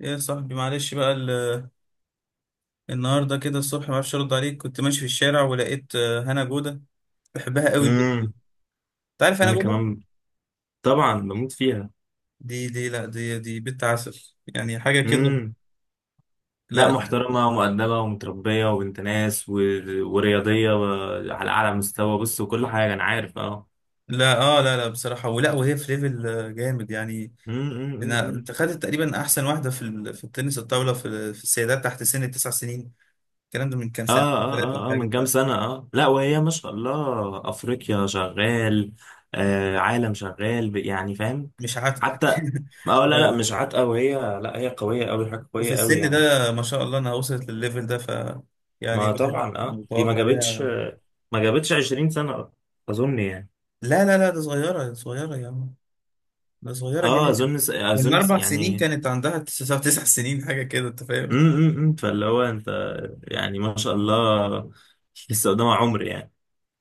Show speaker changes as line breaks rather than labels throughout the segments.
ايه يا صاحبي، معلش بقى. النهارده كده الصبح ما اعرفش ارد عليك. كنت ماشي في الشارع ولقيت هنا جوده. بحبها قوي البت دي.
امم
انت عارف هنا
انا
جوده.
كمان طبعا بموت فيها.
دي لا، دي بنت عسل يعني حاجه كده.
امم لا،
لا،
محترمه ومؤدبه ومتربيه وبنت ناس ورياضيه على اعلى مستوى. بص، وكل حاجه انا عارف. اه
لا، اه، لا، لا، بصراحه ولا وهي في ليفل جامد يعني.
أمم، أمم.
انت خدت تقريبا احسن واحده في التنس الطاوله في السيدات تحت سن التسع سنين. الكلام ده من كام
اه
سنه،
اه
ثلاثه
اه اه من
حاجه.
كام سنه. اه، لا وهي ما شاء الله افريقيا شغال، آه، عالم شغال يعني فاهم.
مش عارف
حتى اه، لا لا
اه.
مش عاتقه وهي، لا هي قويه قوي، حاجه
وفي
قويه قوي
السن
يعني.
ده ما شاء الله انها وصلت للليفل ده، يعني
ما
الواحد
طبعا اه، دي ما
متوقع
جابتش
ليها.
ما جابتش 20 سنه اظن يعني.
لا، لا، لا، ده صغيرة صغيرة يا عم. ده صغيرة
اه،
جدا.
اظن
من
اظن
4 سنين
يعني.
كانت عندها 9 سنين حاجة كده، أنت
م-
فاهم؟
م- م. فاللي هو انت، يعني ما شاء الله لسه قدام عمر يعني.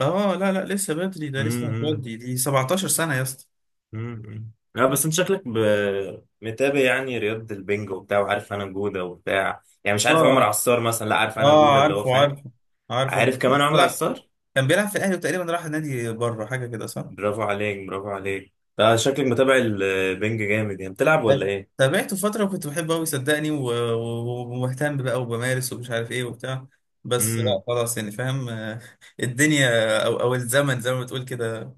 آه، لا، لا، لسه بدري. ده
م-
لسه
م-
هتودي دي 17 سنة يا اسطى.
م- م. لا بس انت شكلك متابع يعني رياضة البنج وبتاع، وعارف انا جودة وبتاع. يعني مش عارف عمر
آه،
عصار مثلا، لا عارف انا
آه،
جودة اللي هو،
عارفه،
فاهم.
عارفه،
عارف
عارفه.
كمان عمر
بيلعب
عصار.
كان بيلعب في الأهلي وتقريبا راح نادي بره حاجة كده، صح؟
برافو عليك، برافو عليك، ده شكلك متابع البنج جامد يعني، بتلعب ولا
طب-
ايه؟
تابعته فترة وكنت بحبه أوي صدقني، ومهتم بقى وبمارس ومش عارف إيه وبتاع. بس لا
امم
خلاص يعني فاهم. الدنيا أو الزمن زي ما بتقول كده.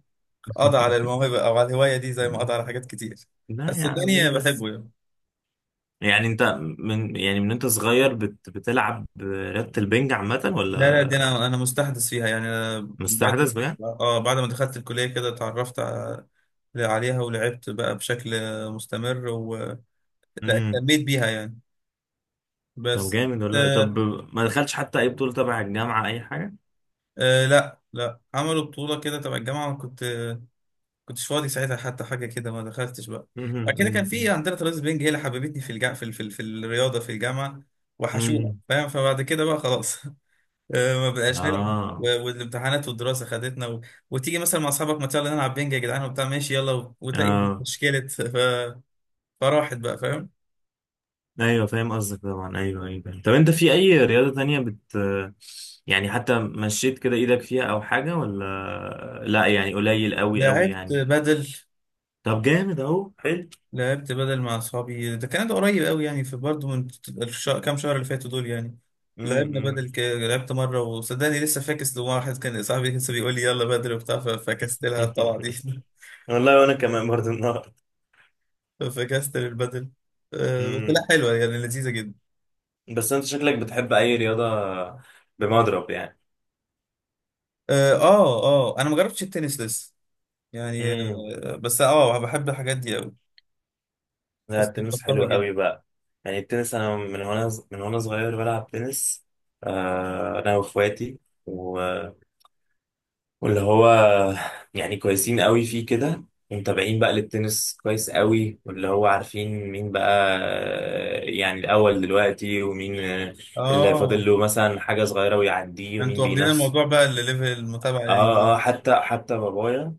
قضى على الموهبة أو على الهواية دي زي ما قضى على حاجات كتير.
لا
بس
يا عم ليه
الدنيا
بس؟
بحبه يعني.
يعني انت من، يعني من انت صغير بتلعب رياضة البنج عامة
لا، لا، دي
ولا؟
أنا مستحدث فيها يعني أنا. بعد
مستحدث بجد؟
ما بعد ما دخلت الكلية كده اتعرفت عليها، ولعبت بقى بشكل مستمر ولا
امم
اهتميت بيها يعني،
طب
بس.
جامد والله.
آه،
طب ما دخلتش حتى اي بطولة تبع الجامعة، اي حاجة؟
آه، لا، لا، عملوا بطولة كده تبع الجامعة، وأنا كنتش فاضي ساعتها، حتى حاجة كده ما دخلتش بقى. بعد كده كان في
امم
عندنا ترابيزة بينج، هي اللي حببتني في الجا في ال- في ال- في الرياضة في الجامعة. وحشونا
امم
فاهم. فبعد كده بقى خلاص ما بقاش نلعب،
اه
والامتحانات والدراسه خدتنا وتيجي مثلا مع اصحابك، ما يلا نلعب بينج يا جدعان وبتاع. ماشي يلا وتلاقي
اه.
مشكله فراحت بقى، فاهم.
ايوه فاهم قصدك، طبعا ايوه ايوه. طب انت في اي رياضة تانية بت، يعني حتى مشيت كده ايدك فيها او حاجة، ولا لا؟ يعني قليل قوي قوي
لعبت
يعني.
بدل
طب جامد، اهو حلو.
لعبت بدل مع اصحابي، ده قريب قوي يعني، في برضه من كام شهر اللي فاتوا دول يعني. لعبنا
امم
بدل لعبت مره، وصدقني لسه فاكس لواحد كان صاحبي لسه بيقول لي يلا بدل وبتاع. فكست لها الطلعه دي
والله، وانا كمان برضه.
فكست البدل. بس
امم
لا حلوه يعني، لذيذه جدا.
بس انت شكلك بتحب اي رياضة؟ بمضرب يعني.
اه، اه، انا ما جربتش التنس لسه يعني.
امم
بس اه بحب الحاجات دي قوي.
لا التنس
فاستلطفتها
حلو
جدا.
قوي بقى. يعني التنس انا من وانا صغير بلعب تنس، آه انا واخواتي و... واللي هو، يعني كويسين قوي فيه كده. ومتابعين بقى للتنس كويس قوي، واللي هو عارفين مين بقى آه، يعني الاول دلوقتي، ومين آه، اللي فاضل
اه،
له مثلا حاجة صغيرة ويعديه، ومين
انتوا واخدين
بينافس.
الموضوع بقى لليفل المتابعة يعني.
اه اه، حتى بابايا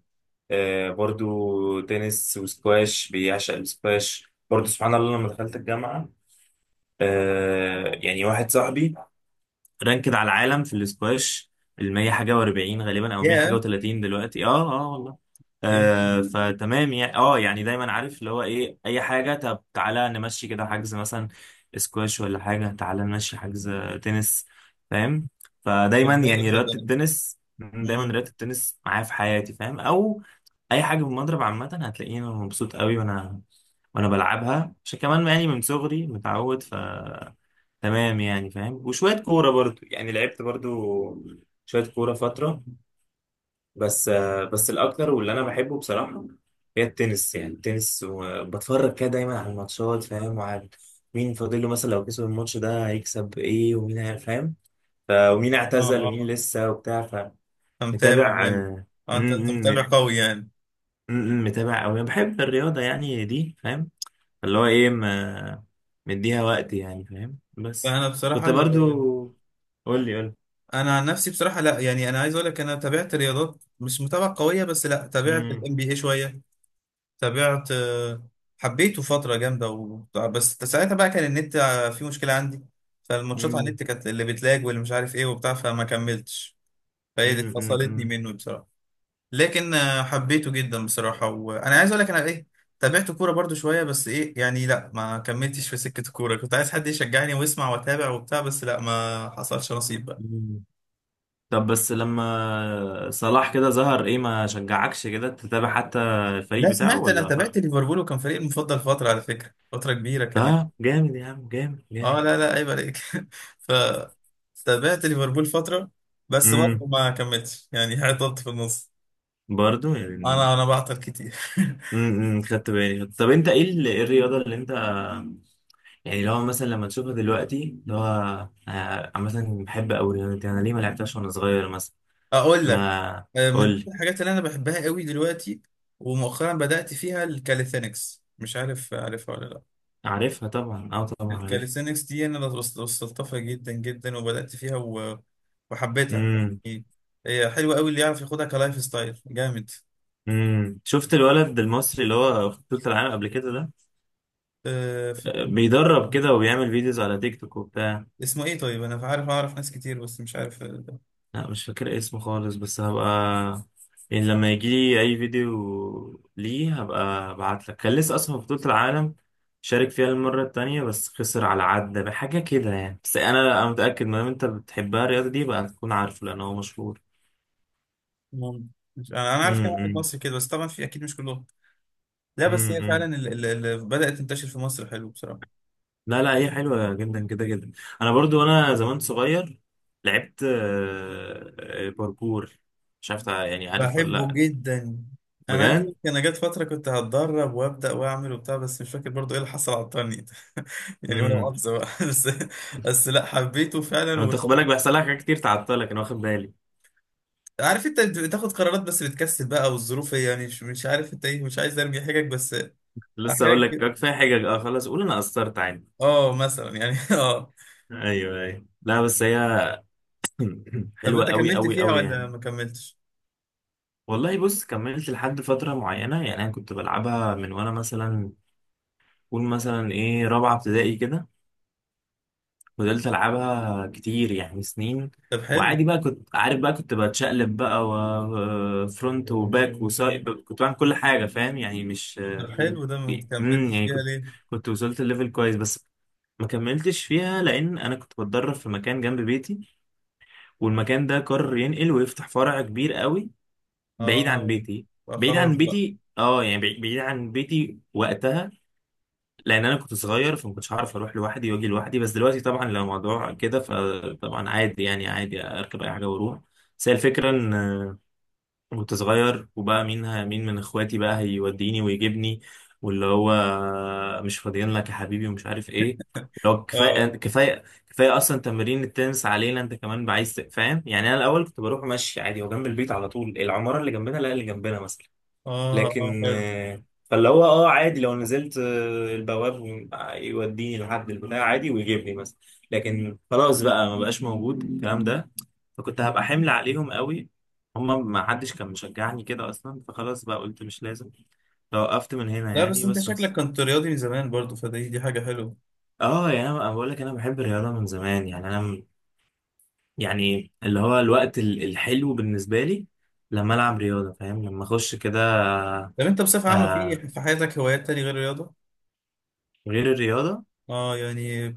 آه، برضو تنس وسكواش، بيعشق السكواش برضو سبحان الله. لما دخلت الجامعة آه، يعني واحد صاحبي رانكد على العالم في السكواش، المية حاجة واربعين غالبا، أو مية حاجة
يا
وتلاتين دلوقتي، اه اه والله.
يا
آه فتمام يعني، اه يعني دايما عارف اللي هو ايه، اي حاجة طب تعالى نمشي كده حجز مثلا سكواش، ولا حاجة تعالى نمشي حجز تنس، فاهم. فدايما
فنانة
يعني رياضة
صدقني.
التنس دايما
مم.
رياضة التنس معايا في حياتي، فاهم. او اي حاجه بالمضرب عامه هتلاقيني أنا مبسوط قوي، وانا بلعبها عشان كمان يعني من صغري متعود. ف تمام يعني فاهم. وشويه كوره برضو يعني، لعبت برضو شويه كوره فتره. بس آه، بس الاكتر واللي انا بحبه بصراحه هي التنس. يعني التنس، وبتفرج كده دايما على الماتشات، فاهم، وعارف مين فاضل له مثلا لو كسب الماتش ده هيكسب ايه، ومين فاهم. ومين
اه،
اعتزل ومين
اه،
لسه وبتاع.
انت متابع
فمتابع.
جامد. اه، انت متابع قوي يعني.
م- م، متابع قوي، بحب الرياضة يعني دي، فاهم. اللي هو ايه، ما مديها وقت يعني، فاهم بس.
فانا بصراحة
كنت
اللي...
برضو، قول لي قول لي.
انا عن نفسي بصراحة، لا يعني انا عايز اقول لك انا تابعت رياضات مش متابعة قوية، بس لا تابعت
مم،
الام بي اي شوية. تابعت، حبيته فترة جامدة بس ساعتها بقى كان النت فيه مشكلة عندي. فالماتشات على
مم،
النت كانت اللي بتلاج، واللي مش عارف ايه وبتاع، فما كملتش. فهي دي
مم، مم،
فصلتني
مم،
منه بصراحة. لكن حبيته جدا بصراحة. وانا عايز اقول لك انا ايه، تابعت كورة برضو شوية، بس ايه يعني. لا، ما كملتش في سكة الكورة. كنت عايز حد يشجعني ويسمع واتابع وبتاع، بس لا ما حصلش نصيب بقى.
مم. طب بس لما صلاح كده ظهر ايه، ما شجعكش كده تتابع حتى الفريق
لا،
بتاعه
سمعت. انا
ولا
تابعت ليفربول، وكان فريق المفضل فترة على فكرة، فترة كبيرة كمان.
اه جامد يا عم، جامد
اه،
جامد.
لا، لا، عيب عليك ف تابعت ليفربول فترة، بس برضه
امم
ما كملتش يعني، حطيت في النص.
برضو
انا
يعني.
انا بعطل كتير
خدت بالي، طب انت ايه إيه الرياضة اللي انت، يعني لو مثلا لما تشوفها دلوقتي اللي هو آه، مثلا بحب أوي الرياضة دي، أنا ليه ما لعبتهاش وأنا صغير مثلا؟
اقول لك،
ما قول
من
لي.
الحاجات اللي انا بحبها قوي دلوقتي ومؤخرا بدأت فيها الكاليثينكس. مش عارف عارفها ولا لا؟
عارفها طبعا، أه طبعا عارفها.
الكاليثينكس دي انا وصلت لها جدا جدا، وبدأت فيها وحبيتها
امم
يعني. هي حلوة قوي، اللي يعرف ياخدها كلايف ستايل جامد.
شفت الولد المصري اللي هو في بطولة العالم قبل كده ده؟
آه، ف-
آه، بيدرب كده وبيعمل فيديوز على تيك توك وبتاع.
اسمه ايه طيب؟ انا عارف، اعرف ناس كتير بس مش عارف.
لا مش فاكر اسمه خالص، بس هبقى يعني لما يجي لي اي فيديو ليه هبقى ابعت لك. كان لسه اصلا في بطولة العالم شارك فيها المرة التانية، بس خسر على عدة بحاجة كده يعني. بس انا، انا متأكد ما دام انت بتحبها الرياضة دي بقى تكون عارفه، لان هو مشهور.
مم. انا عارف كام واحد
امم
مصري كده، بس طبعا في اكيد مش كلهم. لا، بس هي فعلا
امم
اللي بدأت تنتشر في مصر، حلو بصراحة.
لا لا، هي حلوة جدا، كده جدا. انا برضو وانا زمان صغير لعبت آه، آه، باركور، مش عارف يعني عارف ولا
بحبه
لا؟
جدا. انا عايز اقول
بجد؟
لك انا جت فتره كنت هتدرب وابدا واعمل وبتاع بس مش فاكر برضو ايه اللي حصل عطلني يعني وانا مؤاخذه بقى بس بس لا حبيته فعلا
انت
و...
خد بالك بيحصل لك حاجات كتير تعطلك، انا واخد بالي.
عارف انت بتاخد قرارات بس بتكسل بقى والظروف هي يعني مش مش عارف انت ايه مش عايز ارمي حاجك بس
لسه
احيانا
اقول لك
كده
كفايه حاجه، اه خلاص، قول انا قصرت عادي.
اه مثلا يعني اه
ايوه ايوه، لا بس هي
طب
حلوه
انت
قوي
كملت
قوي
فيها
قوي
ولا
يعني.
ما كملتش
والله بص، كملت لحد فتره معينه، يعني انا كنت بلعبها من وانا مثلا، قول مثلا ايه رابعه ابتدائي كده. فضلت العبها كتير يعني سنين.
طب حلو
وعادي بقى، كنت عارف بقى، كنت بتشقلب بقى، وفرونت وباك وسايد، كنت بعمل كل حاجه، فاهم يعني مش.
طب حلو ده ما كملتش
يعني
فيها
كنت،
ليه
كنت وصلت لليفل كويس، بس ما كملتش فيها لان انا كنت بتدرب في مكان جنب بيتي، والمكان ده قرر ينقل ويفتح فرع كبير قوي بعيد عن
اه
بيتي. بعيد
خلاص
عن
بقى
بيتي اه، يعني بعيد بعيد عن بيتي وقتها. لان انا كنت صغير، فما كنتش هعرف اروح لوحدي واجي لوحدي. بس دلوقتي طبعا لو الموضوع كده فطبعا عادي، يعني عادي اركب اي حاجه واروح. بس هي الفكره ان كنت صغير، وبقى مين مين من اخواتي بقى هيوديني ويجيبني، واللي هو مش فاضيين لك يا حبيبي، ومش عارف ايه اللي هو. كفايه
اه
كفايه كفايه اصلا تمارين التنس علينا، انت كمان عايز فاهم يعني. انا الاول كنت بروح ماشي عادي، هو جنب البيت على طول، العماره اللي جنبنا، لا اللي جنبنا مثلا.
اه اه
لكن
حلو
آه، فاللي هو اه عادي، لو نزلت آه، البواب يوديني لحد البتاع عادي ويجيبني، بس لكن خلاص بقى ما بقاش موجود الكلام ده. فكنت هبقى حمل عليهم قوي، هما ما حدش كان مشجعني كده اصلا، فخلاص بقى قلت مش لازم. فوقفت من هنا
لا بس
يعني،
انت
بس
شكلك
بس-
كنت رياضي من زمان برضو فدي دي حاجة حلوة
اه يعني انا بقول لك، انا بحب الرياضه من زمان، يعني انا يعني اللي هو الوقت الحلو بالنسبه لي لما العب رياضه، فاهم، لما اخش كده.
طب انت بصفة عامة
آه
في في حياتك هوايات تانية غير الرياضة؟
غير الرياضه.
اه يعني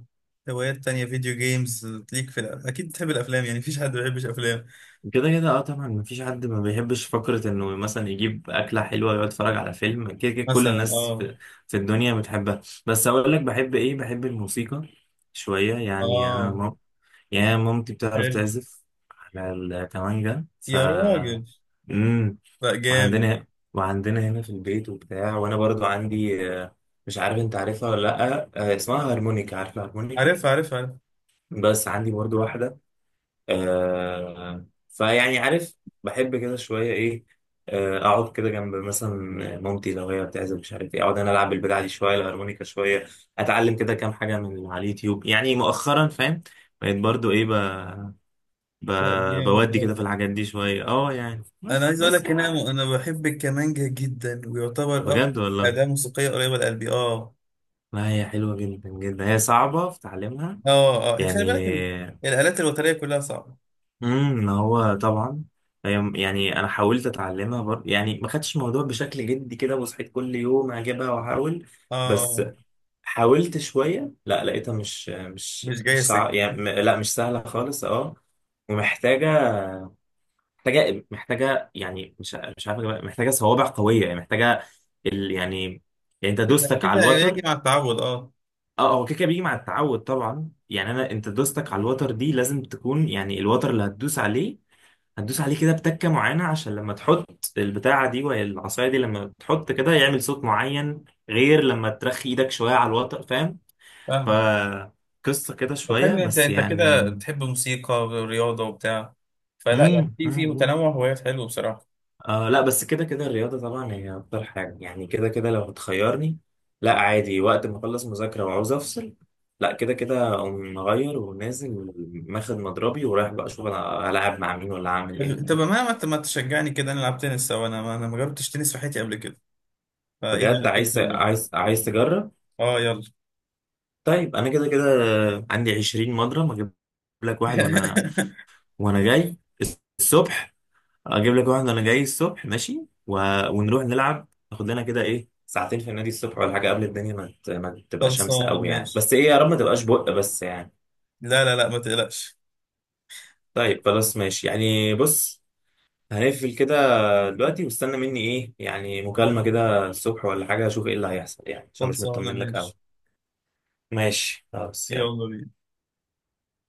هوايات تانية فيديو جيمز ليك في الأ... اكيد بتحب الافلام يعني مفيش حد ما بيحبش افلام
كده كده اه طبعا مفيش حد ما بيحبش فكرة انه مثلا يجيب أكلة حلوة يقعد يتفرج على فيلم، كده كده كل
مثلا
الناس
اه
في, في الدنيا بتحبها. بس أقول لك بحب إيه، بحب الموسيقى شوية يعني.
اه
يعني أنا مامتي بتعرف
حلو
تعزف على الكمانجا، ف
يا راجل
مم.
لا جامد
وعندنا وعندنا هنا في البيت وبتاع. وأنا برضو عندي آه، مش عارف أنت عارفها ولا لأ، آه، اسمها هارمونيكا، عارفة هارمونيكا؟
عارف عارف عارف
بس عندي برضو واحدة آه، فيعني عارف، بحب كده شوية إيه. آه أقعد كده جنب مثلا مامتي لو هي بتعزف مش عارف إيه، أقعد أنا ألعب بالبدع دي شوية، الهارمونيكا شوية، أتعلم كده كام حاجة من على اليوتيوب يعني مؤخرا، فاهم. بقيت برضو إيه ب...
لا جامد
بودي كده في
ده
الحاجات دي شوية، أه يعني
انا
بس
عايز اقول
بس
لك ان
يعني.
انا بحب الكمانجا جدا، ويعتبر اكتر
بجد والله.
اداة موسيقية قريبة لقلبي. اه،
لا هي حلوة جدا جدا، هي صعبة في تعليمها
اه، اه،
يعني.
خلي بالك الآلات الوترية كلها صعبة.
هو طبعا يعني انا حاولت اتعلمها يعني ما خدتش الموضوع بشكل جدي كده، وصحيت كل يوم اجيبها واحاول. بس
اه،
حاولت شويه لا، لقيتها مش مش
مش جاي
مش صع...
سكة.
يعني لا مش سهله خالص اه. ومحتاجه، محتاجه يعني مش عارف أجيبها. محتاجه صوابع قويه، يعني محتاجه يعني، يعني انت دوستك
اكيد
على
هيجي
الوتر.
مع التعود، اه،
اه هو كده كده بيجي مع التعود طبعا، يعني انا انت دوستك على الوتر دي لازم تكون يعني، الوتر اللي هتدوس عليه، هتدوس عليه كده بتكة معينة، عشان لما تحط البتاعة دي وهي العصاية دي لما تحط كده يعمل صوت معين، غير لما ترخي ايدك شوية على الوتر، فاهم.
فاهم.
فقصة كده
طب
شوية
حلو، انت
بس
انت
يعني.
كده بتحب موسيقى ورياضة وبتاع. فلا يعني،
مم.
في
مم.
في
مم.
تنوع هوايات حلو بصراحة.
آه لا بس كده كده الرياضة طبعا هي أكتر حاجة يعني، كده كده لو هتخيرني. لا عادي وقت ما أخلص مذاكرة وعاوز أفصل، لا كده كده أقوم مغير ونازل، ماخد مضربي ورايح بقى أشوف أنا هلعب مع مين ولا هعمل إيه،
طب
فاهم؟
ما تشجعني كده نلعب تنس سوا؟ انا ما جربتش تنس في حياتي قبل كده. فايدي على
بجد
كده
عايز،
اليوم.
عايز تجرب؟
اه، يلا
طيب انا كده كده عندي 20 مضرب، اجيب لك واحد وانا وانا جاي الصبح، اجيب لك واحد وانا جاي الصبح ماشي، و... ونروح نلعب، ناخد لنا كده ايه ساعتين في النادي الصبح، ولا حاجه قبل الدنيا ما, ما تبقى شمس
خلصانة
قوي يعني،
ماشي.
بس ايه يا رب ما تبقاش بق بس يعني.
لا، لا، لا، ما تقلقش.
طيب خلاص ماشي، يعني بص هنقفل كده دلوقتي، واستنى مني ايه يعني مكالمه كده الصبح ولا حاجه، اشوف ايه اللي هيحصل يعني، عشان مش
خلصانة
مطمن لك قوي.
ماشي.
ماشي خلاص يلا.
يلا بينا.